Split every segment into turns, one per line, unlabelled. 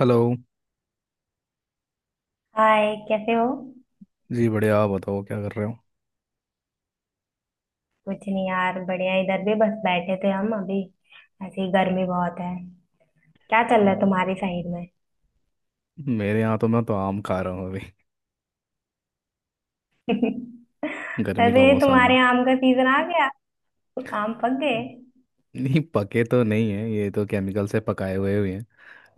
Hello.
Hi, कैसे हो?
जी बढ़िया, आप बताओ क्या कर रहे हो?
कुछ नहीं यार, बढ़िया। इधर भी बस बैठे थे हम अभी, ऐसे ही। गर्मी बहुत है। क्या चल रहा है
हम्म।
तुम्हारी साइड में?
मेरे यहाँ तो मैं तो आम खा रहा हूँ अभी। गर्मी का
वैसे
मौसम है।
तुम्हारे आम का सीजन आ गया? आम पक गए?
नहीं, पके तो नहीं है, ये तो केमिकल से पकाए हुए हुए हैं।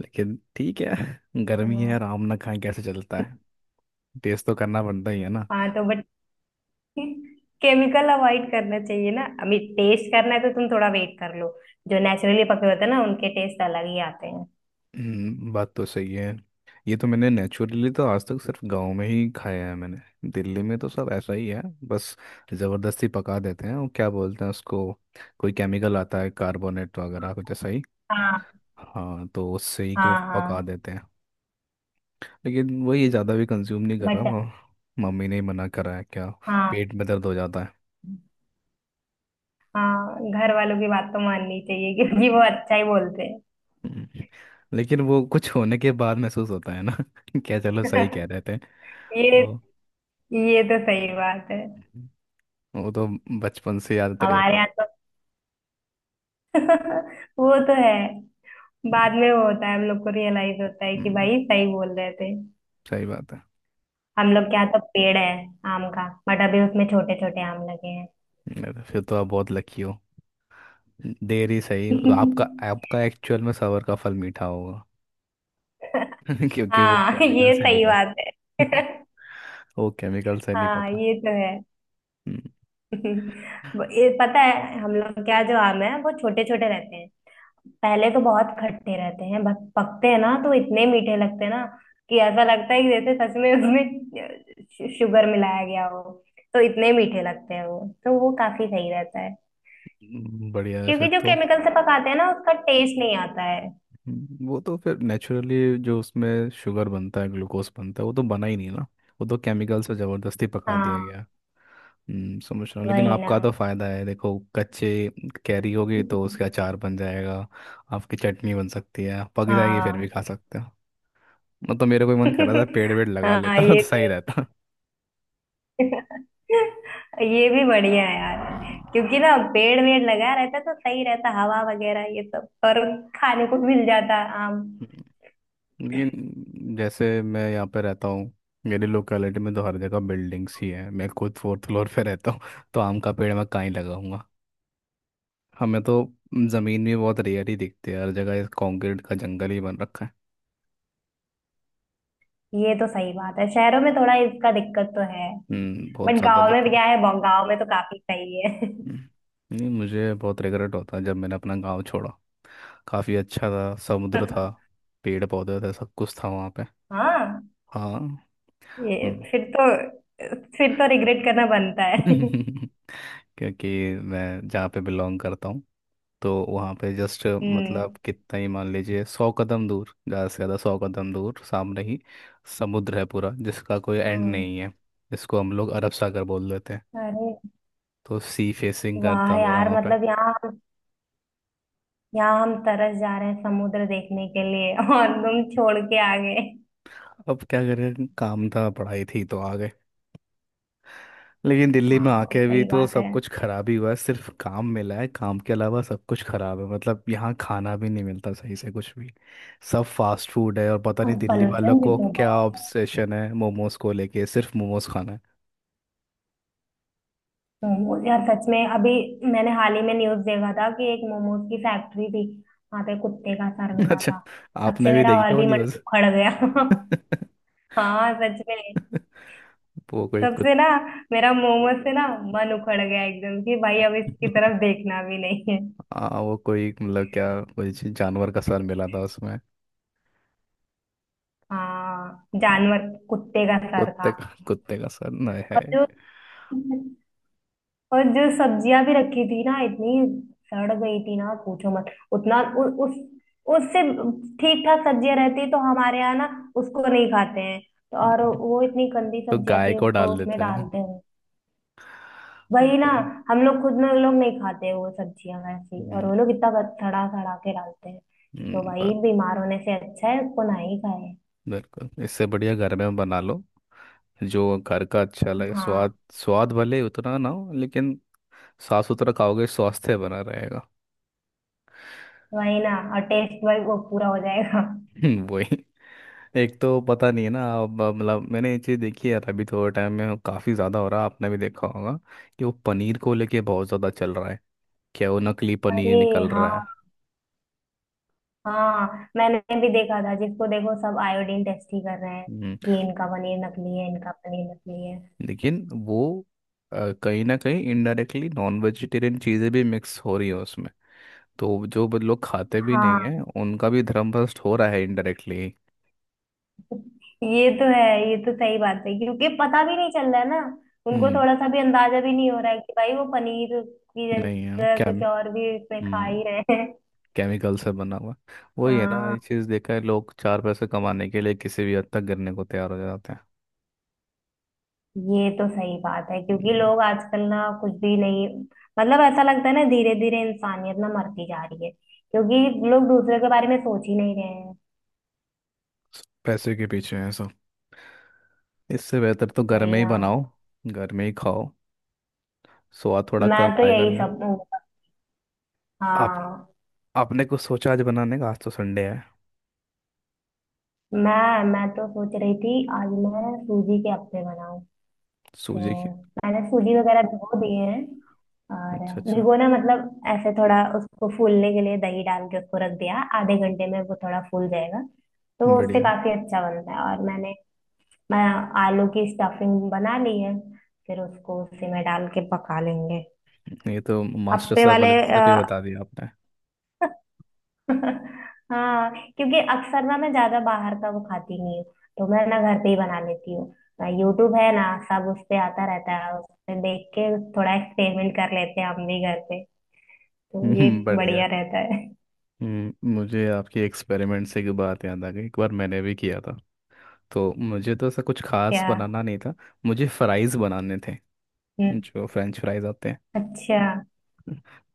लेकिन ठीक है, गर्मी है
तो-
और आम ना खाएं कैसे चलता है? टेस्ट तो करना पड़ता ही है ना।
हाँ, तो बट केमिकल अवॉइड करना चाहिए ना। अभी टेस्ट करना है तो तुम थोड़ा वेट कर लो। जो नेचुरली पके होते हैं ना, उनके टेस्ट अलग ही आते हैं।
बात तो सही है। ये तो मैंने नेचुरली तो आज तक सिर्फ गांव में ही खाया है। मैंने, दिल्ली में तो सब ऐसा ही है बस। ज़बरदस्ती पका देते हैं, और क्या बोलते हैं उसको, कोई केमिकल आता है कार्बोनेट वगैरह कुछ ऐसा ही।
हाँ,
हाँ, तो उससे ही कि वो
हाँ।
पका
हाँ
देते हैं। लेकिन वही है, ज़्यादा भी कंज्यूम नहीं कर रहा।
बट।
मम्मी ने ही मना करा है क्या,
हाँ,
पेट में दर्द हो जाता है।
हाँ, घर वालों की बात तो माननी चाहिए क्योंकि वो अच्छा ही बोलते
हम्म, लेकिन वो कुछ होने के बाद महसूस होता है ना। क्या, चलो
हैं।
सही कह रहे थे।
ये
तो
ये तो सही बात है।
वो तो बचपन से याद रहेगा
हमारे
ही।
यहाँ तो वो तो है। बाद
हम्म,
में वो होता है, हम लोग को रियलाइज होता है कि
हम्म,
भाई सही बोल रहे थे।
सही बात है।
हम लोग क्या, तो पेड़ है आम का, बट अभी उसमें छोटे छोटे आम लगे हैं।
अरे, फिर तो आप बहुत लकी हो, देर ही सही। आपका, आपका एक्चुअल में सबर का फल मीठा होगा, क्योंकि वो
हाँ,
केमिकल
ये
से नहीं
सही बात है।
पका। वो केमिकल से नहीं
हाँ,
पका।
ये तो है।
हम्म,
ये पता है, हम लोग क्या, जो आम है वो छोटे छोटे रहते हैं। पहले तो बहुत खट्टे रहते हैं, बस पकते हैं ना तो इतने मीठे लगते हैं ना, कि ऐसा लगता है कि जैसे सच में उसमें शुगर मिलाया गया हो। तो इतने मीठे लगते हैं वो, तो वो काफी सही रहता है,
बढ़िया है फिर
क्योंकि जो
तो।
केमिकल से पकाते हैं ना उसका टेस्ट नहीं आता है।
वो तो फिर नेचुरली जो उसमें शुगर बनता है, ग्लूकोज बनता है, वो तो बना ही नहीं ना। वो तो केमिकल से ज़बरदस्ती पका दिया
हाँ,
गया। समझ रहा हूँ। लेकिन
वही ना।
आपका तो फ़ायदा है, देखो, कच्चे कैरी होगी तो उसका अचार बन जाएगा। आपकी चटनी बन सकती है, पक जाएगी फिर भी
हाँ।
खा सकते हो। मतलब तो मेरा कोई मन कर रहा था पेड़ वेड़ लगा
हाँ,
लेता
ये
तो
तो
सही रहता।
है। ये भी बढ़िया है
हम्म।
यार, क्योंकि ना पेड़ वेड़ लगा रहता तो सही रहता, हवा वगैरह ये सब, और खाने को मिल जाता आम।
हम्म। लेकिन जैसे मैं यहाँ पे रहता हूँ, मेरी लोकेलिटी में तो हर जगह बिल्डिंग्स ही है। मैं खुद फोर्थ फ्लोर पे रहता हूँ, तो आम का पेड़ मैं कहाँ ही लगाऊंगा? हमें तो ज़मीन भी बहुत रेयर ही दिखती है, हर जगह कंक्रीट का जंगल ही बन रखा है।
ये तो सही बात है, शहरों में थोड़ा इसका दिक्कत तो है।
बहुत
बट
ज़्यादा
गांव में भी
दिक्कत
क्या
है।
है, गांव में तो काफी सही है।
हम्म, नहीं, मुझे बहुत रिग्रेट होता है जब मैंने अपना गांव छोड़ा। काफ़ी अच्छा था, समुद्र था, पेड़ पौधे थे, सब कुछ था वहाँ पे।
हाँ,
हाँ।
ये
हम्म।
फिर तो रिग्रेट करना बनता है।
क्योंकि मैं जहाँ पे बिलोंग करता हूँ, तो वहाँ पे जस्ट
हम्म,
मतलब कितना ही मान लीजिए 100 कदम दूर, ज़्यादा से ज़्यादा 100 कदम दूर सामने ही समुद्र है पूरा, जिसका कोई एंड
हम्म।
नहीं है। इसको हम लोग अरब सागर बोल देते हैं।
अरे
तो सी फेसिंग
वाह
करता मेरा
यार,
वहाँ पे।
मतलब यहाँ हम तरस जा रहे हैं समुद्र देखने के लिए और तुम छोड़ के आ गए।
अब क्या करें, काम था पढ़ाई थी तो आ गए। लेकिन दिल्ली में
हाँ,
आके भी
सही
तो
बात है।
सब कुछ खराब ही हुआ है, सिर्फ काम मिला है। काम के अलावा सब कुछ खराब है, मतलब यहाँ खाना भी नहीं मिलता सही से कुछ भी। सब फास्ट फूड है, और पता नहीं
और
दिल्ली वालों
पोल्यूशन भी
को
तो
क्या
बहुत।
ऑब्सेशन है मोमोज को लेके, सिर्फ मोमोज खाना।
मोमोज यार, सच में अभी मैंने हाल ही में न्यूज देखा था कि एक मोमोज की फैक्ट्री थी, वहां पे कुत्ते का सर
है।
मिला
अच्छा,
था। तब
आपने
से
भी
मेरा
देखी
और
क्या वो
भी मन
न्यूज़?
उखड़ गया। हाँ, सच में।
वो कोई
तब
कुछ।
से ना मेरा मोमोज से ना मन उखड़ गया एकदम कि भाई अब इसकी तरफ देखना भी नहीं है।
हाँ, वो कोई, मतलब क्या, कोई जानवर का सर मिला था उसमें?
हाँ जानवर, कुत्ते का सर था।
कुत्ते का, कुत्ते का सर? नहीं है।
और जो और जो सब्जियां भी रखी थी ना इतनी, सड़ गई थी ना पूछो मत। उतना उ, उस उससे। ठीक ठाक सब्जियां रहती तो हमारे यहाँ ना उसको नहीं खाते हैं। और
हम्म,
वो इतनी गंदी
तो
सब्जियां
गाय
थी
को
उसको
डाल
उसमें
देते हैं,
डालते हैं।
वो
वही ना।
तो है।
हम लोग खुद में लोग नहीं खाते वो सब्जियां वैसी, और
हम्म,
वो लोग इतना सड़ा सड़ा के डालते हैं। तो वही,
बात।
बीमार होने से अच्छा है उसको ना ही खाए।
बिल्कुल, इससे बढ़िया घर में बना लो, जो घर का अच्छा लगे,
हाँ,
स्वाद स्वाद भले उतना ना हो लेकिन साफ सुथरा खाओगे, स्वास्थ्य बना रहेगा।
वही ना, और टेस्ट वही वो पूरा हो जाएगा।
वही। एक तो पता नहीं है ना, अब मतलब मैंने ये चीज़ देखी है, अभी थोड़े टाइम में काफ़ी ज़्यादा हो रहा है, आपने भी देखा होगा, कि वो पनीर को लेके बहुत ज़्यादा चल रहा है, क्या वो नकली पनीर
अरे
निकल
हाँ,
रहा है।
हाँ, मैंने भी देखा था, जिसको देखो सब आयोडीन टेस्ट ही कर रहे हैं
हम्म,
कि इनका पनीर नकली है, इनका पनीर नकली है।
लेकिन वो, कहीं ना कहीं इनडायरेक्टली नॉन वेजिटेरियन चीज़ें भी मिक्स हो रही है उसमें। तो जो लोग खाते भी नहीं
हाँ,
है, उनका भी धर्म भ्रष्ट हो रहा है इनडायरेक्टली।
ये तो है। ये तो सही बात है क्योंकि पता भी नहीं चल रहा है ना, उनको
हम्म।
थोड़ा सा भी अंदाजा भी नहीं हो रहा है कि भाई वो पनीर की
नहीं है
जगह
क्या?
कुछ और भी इसमें खा
हम्म।
ही रहे हैं।
केमिकल से बना हुआ। वही है ना,
हाँ,
ये चीज़ देखा है, लोग चार पैसे कमाने के लिए किसी भी हद तक गिरने को तैयार हो जाते हैं।
ये तो सही बात है क्योंकि
हम्म,
लोग आजकल ना कुछ भी नहीं। मतलब ऐसा लगता है ना, धीरे धीरे इंसानियत ना मरती जा रही है, क्योंकि लोग दूसरे के बारे में सोच ही नहीं रहे हैं।
पैसे के पीछे हैं सब। इससे बेहतर तो घर
वही
में ही
ना।
बनाओ, घर में ही खाओ, स्वाद थोड़ा
मैं
कम
तो
आएगा
यही
लेकिन।
सब।
आप
हाँ,
आपने कुछ सोचा आज बनाने का? आज तो संडे है।
मैं तो सोच रही थी आज मैं सूजी के अप्पे बनाऊं, तो
सूजी की?
मैंने सूजी वगैरह भिगो दिए हैं। और
अच्छा, अच्छा।
भिगोना मतलब ऐसे, थोड़ा उसको फूलने के लिए दही डाल के उसको रख दिया, आधे घंटे में वो थोड़ा फूल जाएगा। तो वो उससे
बढ़िया।
काफी अच्छा बनता है, और मैंने, मैं आलू की स्टफिंग बना ली है, फिर उसको उसी में डाल के पका लेंगे।
ये तो मास्टर
अप्पे
साहब
वाले।
वाली रेसिपी बता दी आपने।
हाँ, क्योंकि अक्सर ना मैं ज्यादा बाहर का वो खाती नहीं हूँ, तो मैं ना घर पे ही बना लेती हूँ। ना, यूट्यूब है ना, सब उस पे आता रहता है, उस पे देख के थोड़ा एक्सपेरिमेंट कर लेते हैं हम भी घर पे। तो ये
बढ़िया
बढ़िया
है।
रहता है।
मुझे आपकी एक्सपेरिमेंट से एक बात याद आ गई, एक बार मैंने भी किया था। तो मुझे तो ऐसा कुछ खास
क्या?
बनाना नहीं था, मुझे फ्राइज़ बनाने थे,
हम्म।
जो फ्रेंच फ्राइज आते हैं।
अच्छा।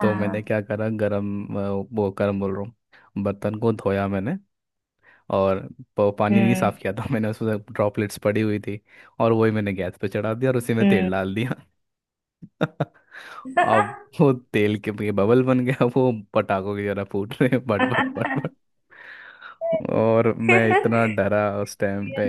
तो मैंने
हाँ।
क्या करा, गरम, वो गरम बोल रहा हूँ, बर्तन को धोया मैंने, और पानी नहीं
हम्म,
साफ किया था। मैंने उसमें ड्रॉपलेट्स पड़ी हुई थी, और वही मैंने गैस पे चढ़ा दिया, और उसी में तेल
हम्म।
डाल दिया। अब वो तेल के ये बबल बन गया, वो पटाखों की तरह फूट रहे हैं, बट, और मैं इतना डरा उस टाइम
ये
पे।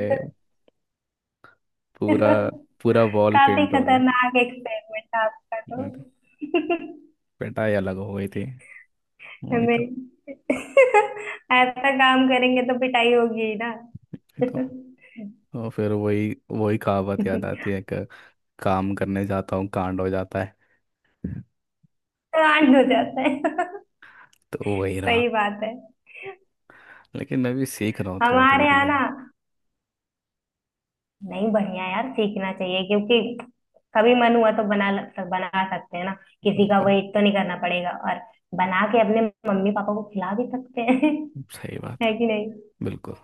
तो-
पूरा, पूरा वॉल
काफी
पेंट हो गया।
खतरनाक एक्सपेरिमेंट आपका
मैं तो,
तो।
पिटाई अलग हो गई थी। वही तो।
हमें ऐसा काम करेंगे तो पिटाई होगी ही ना।
वही तो। और फिर वही वही कहावत
तो
याद आती है कि काम करने जाता हूँ कांड हो जाता है।
आंट हो जाता है।
तो वही रहा।
सही बात है।
लेकिन मैं भी सीख रहा हूँ थोड़ा थोड़ा,
हमारे
धीरे
यहाँ
धीरे।
ना, नहीं, बढ़िया यार, सीखना चाहिए, क्योंकि कभी मन हुआ तो बना बना सकते हैं ना, किसी का
बिल्कुल।
वेट तो नहीं करना पड़ेगा, और बना के अपने मम्मी पापा को खिला भी सकते हैं।
सही बात है।
है कि नहीं?
बिल्कुल।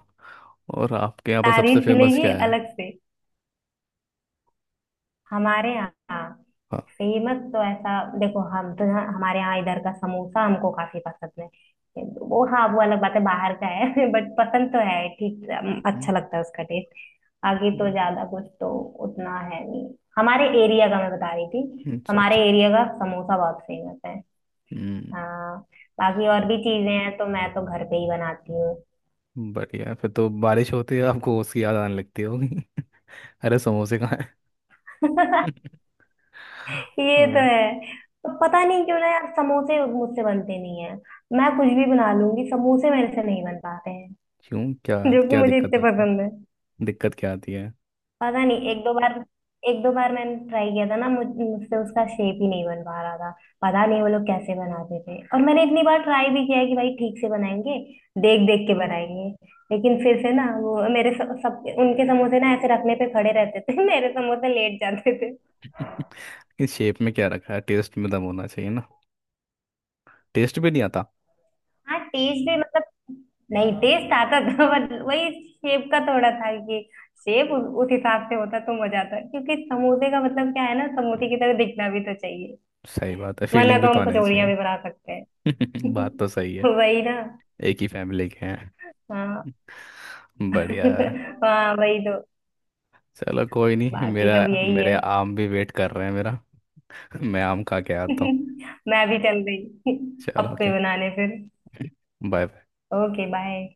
और आपके यहाँ पर सबसे
तारीफ
फेमस
मिलेगी
क्या है?
अलग से। हमारे यहाँ
हाँ।
फेमस तो ऐसा, देखो, हम तो हमारे यहाँ इधर का समोसा हमको काफी पसंद है। वो हाँ, वो अलग बात है बाहर का है, बट पसंद तो है ठीक,
हम्म,
अच्छा लगता है उसका टेस्ट। आगे तो
हम्म,
ज्यादा कुछ तो उतना है नहीं। हमारे एरिया का, मैं बता रही थी,
अच्छा
हमारे
अच्छा।
एरिया का समोसा बहुत फेमस है।
हम्म।
हाँ, बाकी और भी चीजें हैं तो मैं तो घर पे ही बनाती हूँ।
बढ़िया है, फिर तो बारिश होती है आपको उसकी याद आने लगती होगी। अरे, समोसे कहाँ है?
ये तो
होगा।
है। पर पता नहीं क्यों ना यार, समोसे मुझसे बनते नहीं है। मैं कुछ भी बना लूंगी, समोसे मेरे से नहीं बन पाते हैं।
क्यों, क्या?
जो कि
क्या
मुझे
दिक्कत
इतने
आती है?
पसंद है।
दिक्कत क्या आती है?
पता नहीं, एक दो बार मैंने ट्राई किया था ना, मुझसे उसका शेप ही नहीं बन पा रहा था। पता नहीं वो लोग कैसे बनाते थे, और मैंने इतनी बार ट्राई भी किया है कि भाई ठीक से बनाएंगे, देख देख के बनाएंगे, लेकिन फिर से ना वो मेरे सब उनके समोसे ना ऐसे रखने पे खड़े रहते थे, मेरे समोसे लेट जाते।
इस शेप में क्या रखा है, टेस्ट में दम होना चाहिए ना। टेस्ट भी नहीं आता?
हाँ, टेस्ट भी मतलब, नहीं, टेस्ट आता था, बट वही, शेप का थोड़ा था कि, शेप उस हिसाब से होता तो मजा आता, क्योंकि समोसे का मतलब क्या है ना, समोसे
हम्म,
की तरह दिखना भी तो चाहिए।
सही बात है,
वरना
फीलिंग भी
तो
तो
हम
आनी
कचौड़ियाँ
चाहिए।
भी बना सकते हैं।
बात तो सही है,
वही ना।
एक ही फैमिली के हैं।
हाँ।
बढ़िया है।
हाँ, वही तो।
चलो, कोई नहीं,
बाकी
मेरा
सब यही है।
मेरे आम भी वेट कर रहे हैं मेरा। मैं आम खा के आता हूँ।
मैं भी चल रही।
चलो,
अप्पे
ओके।
बनाने फिर।
बाय। बाय।
Okay, bye.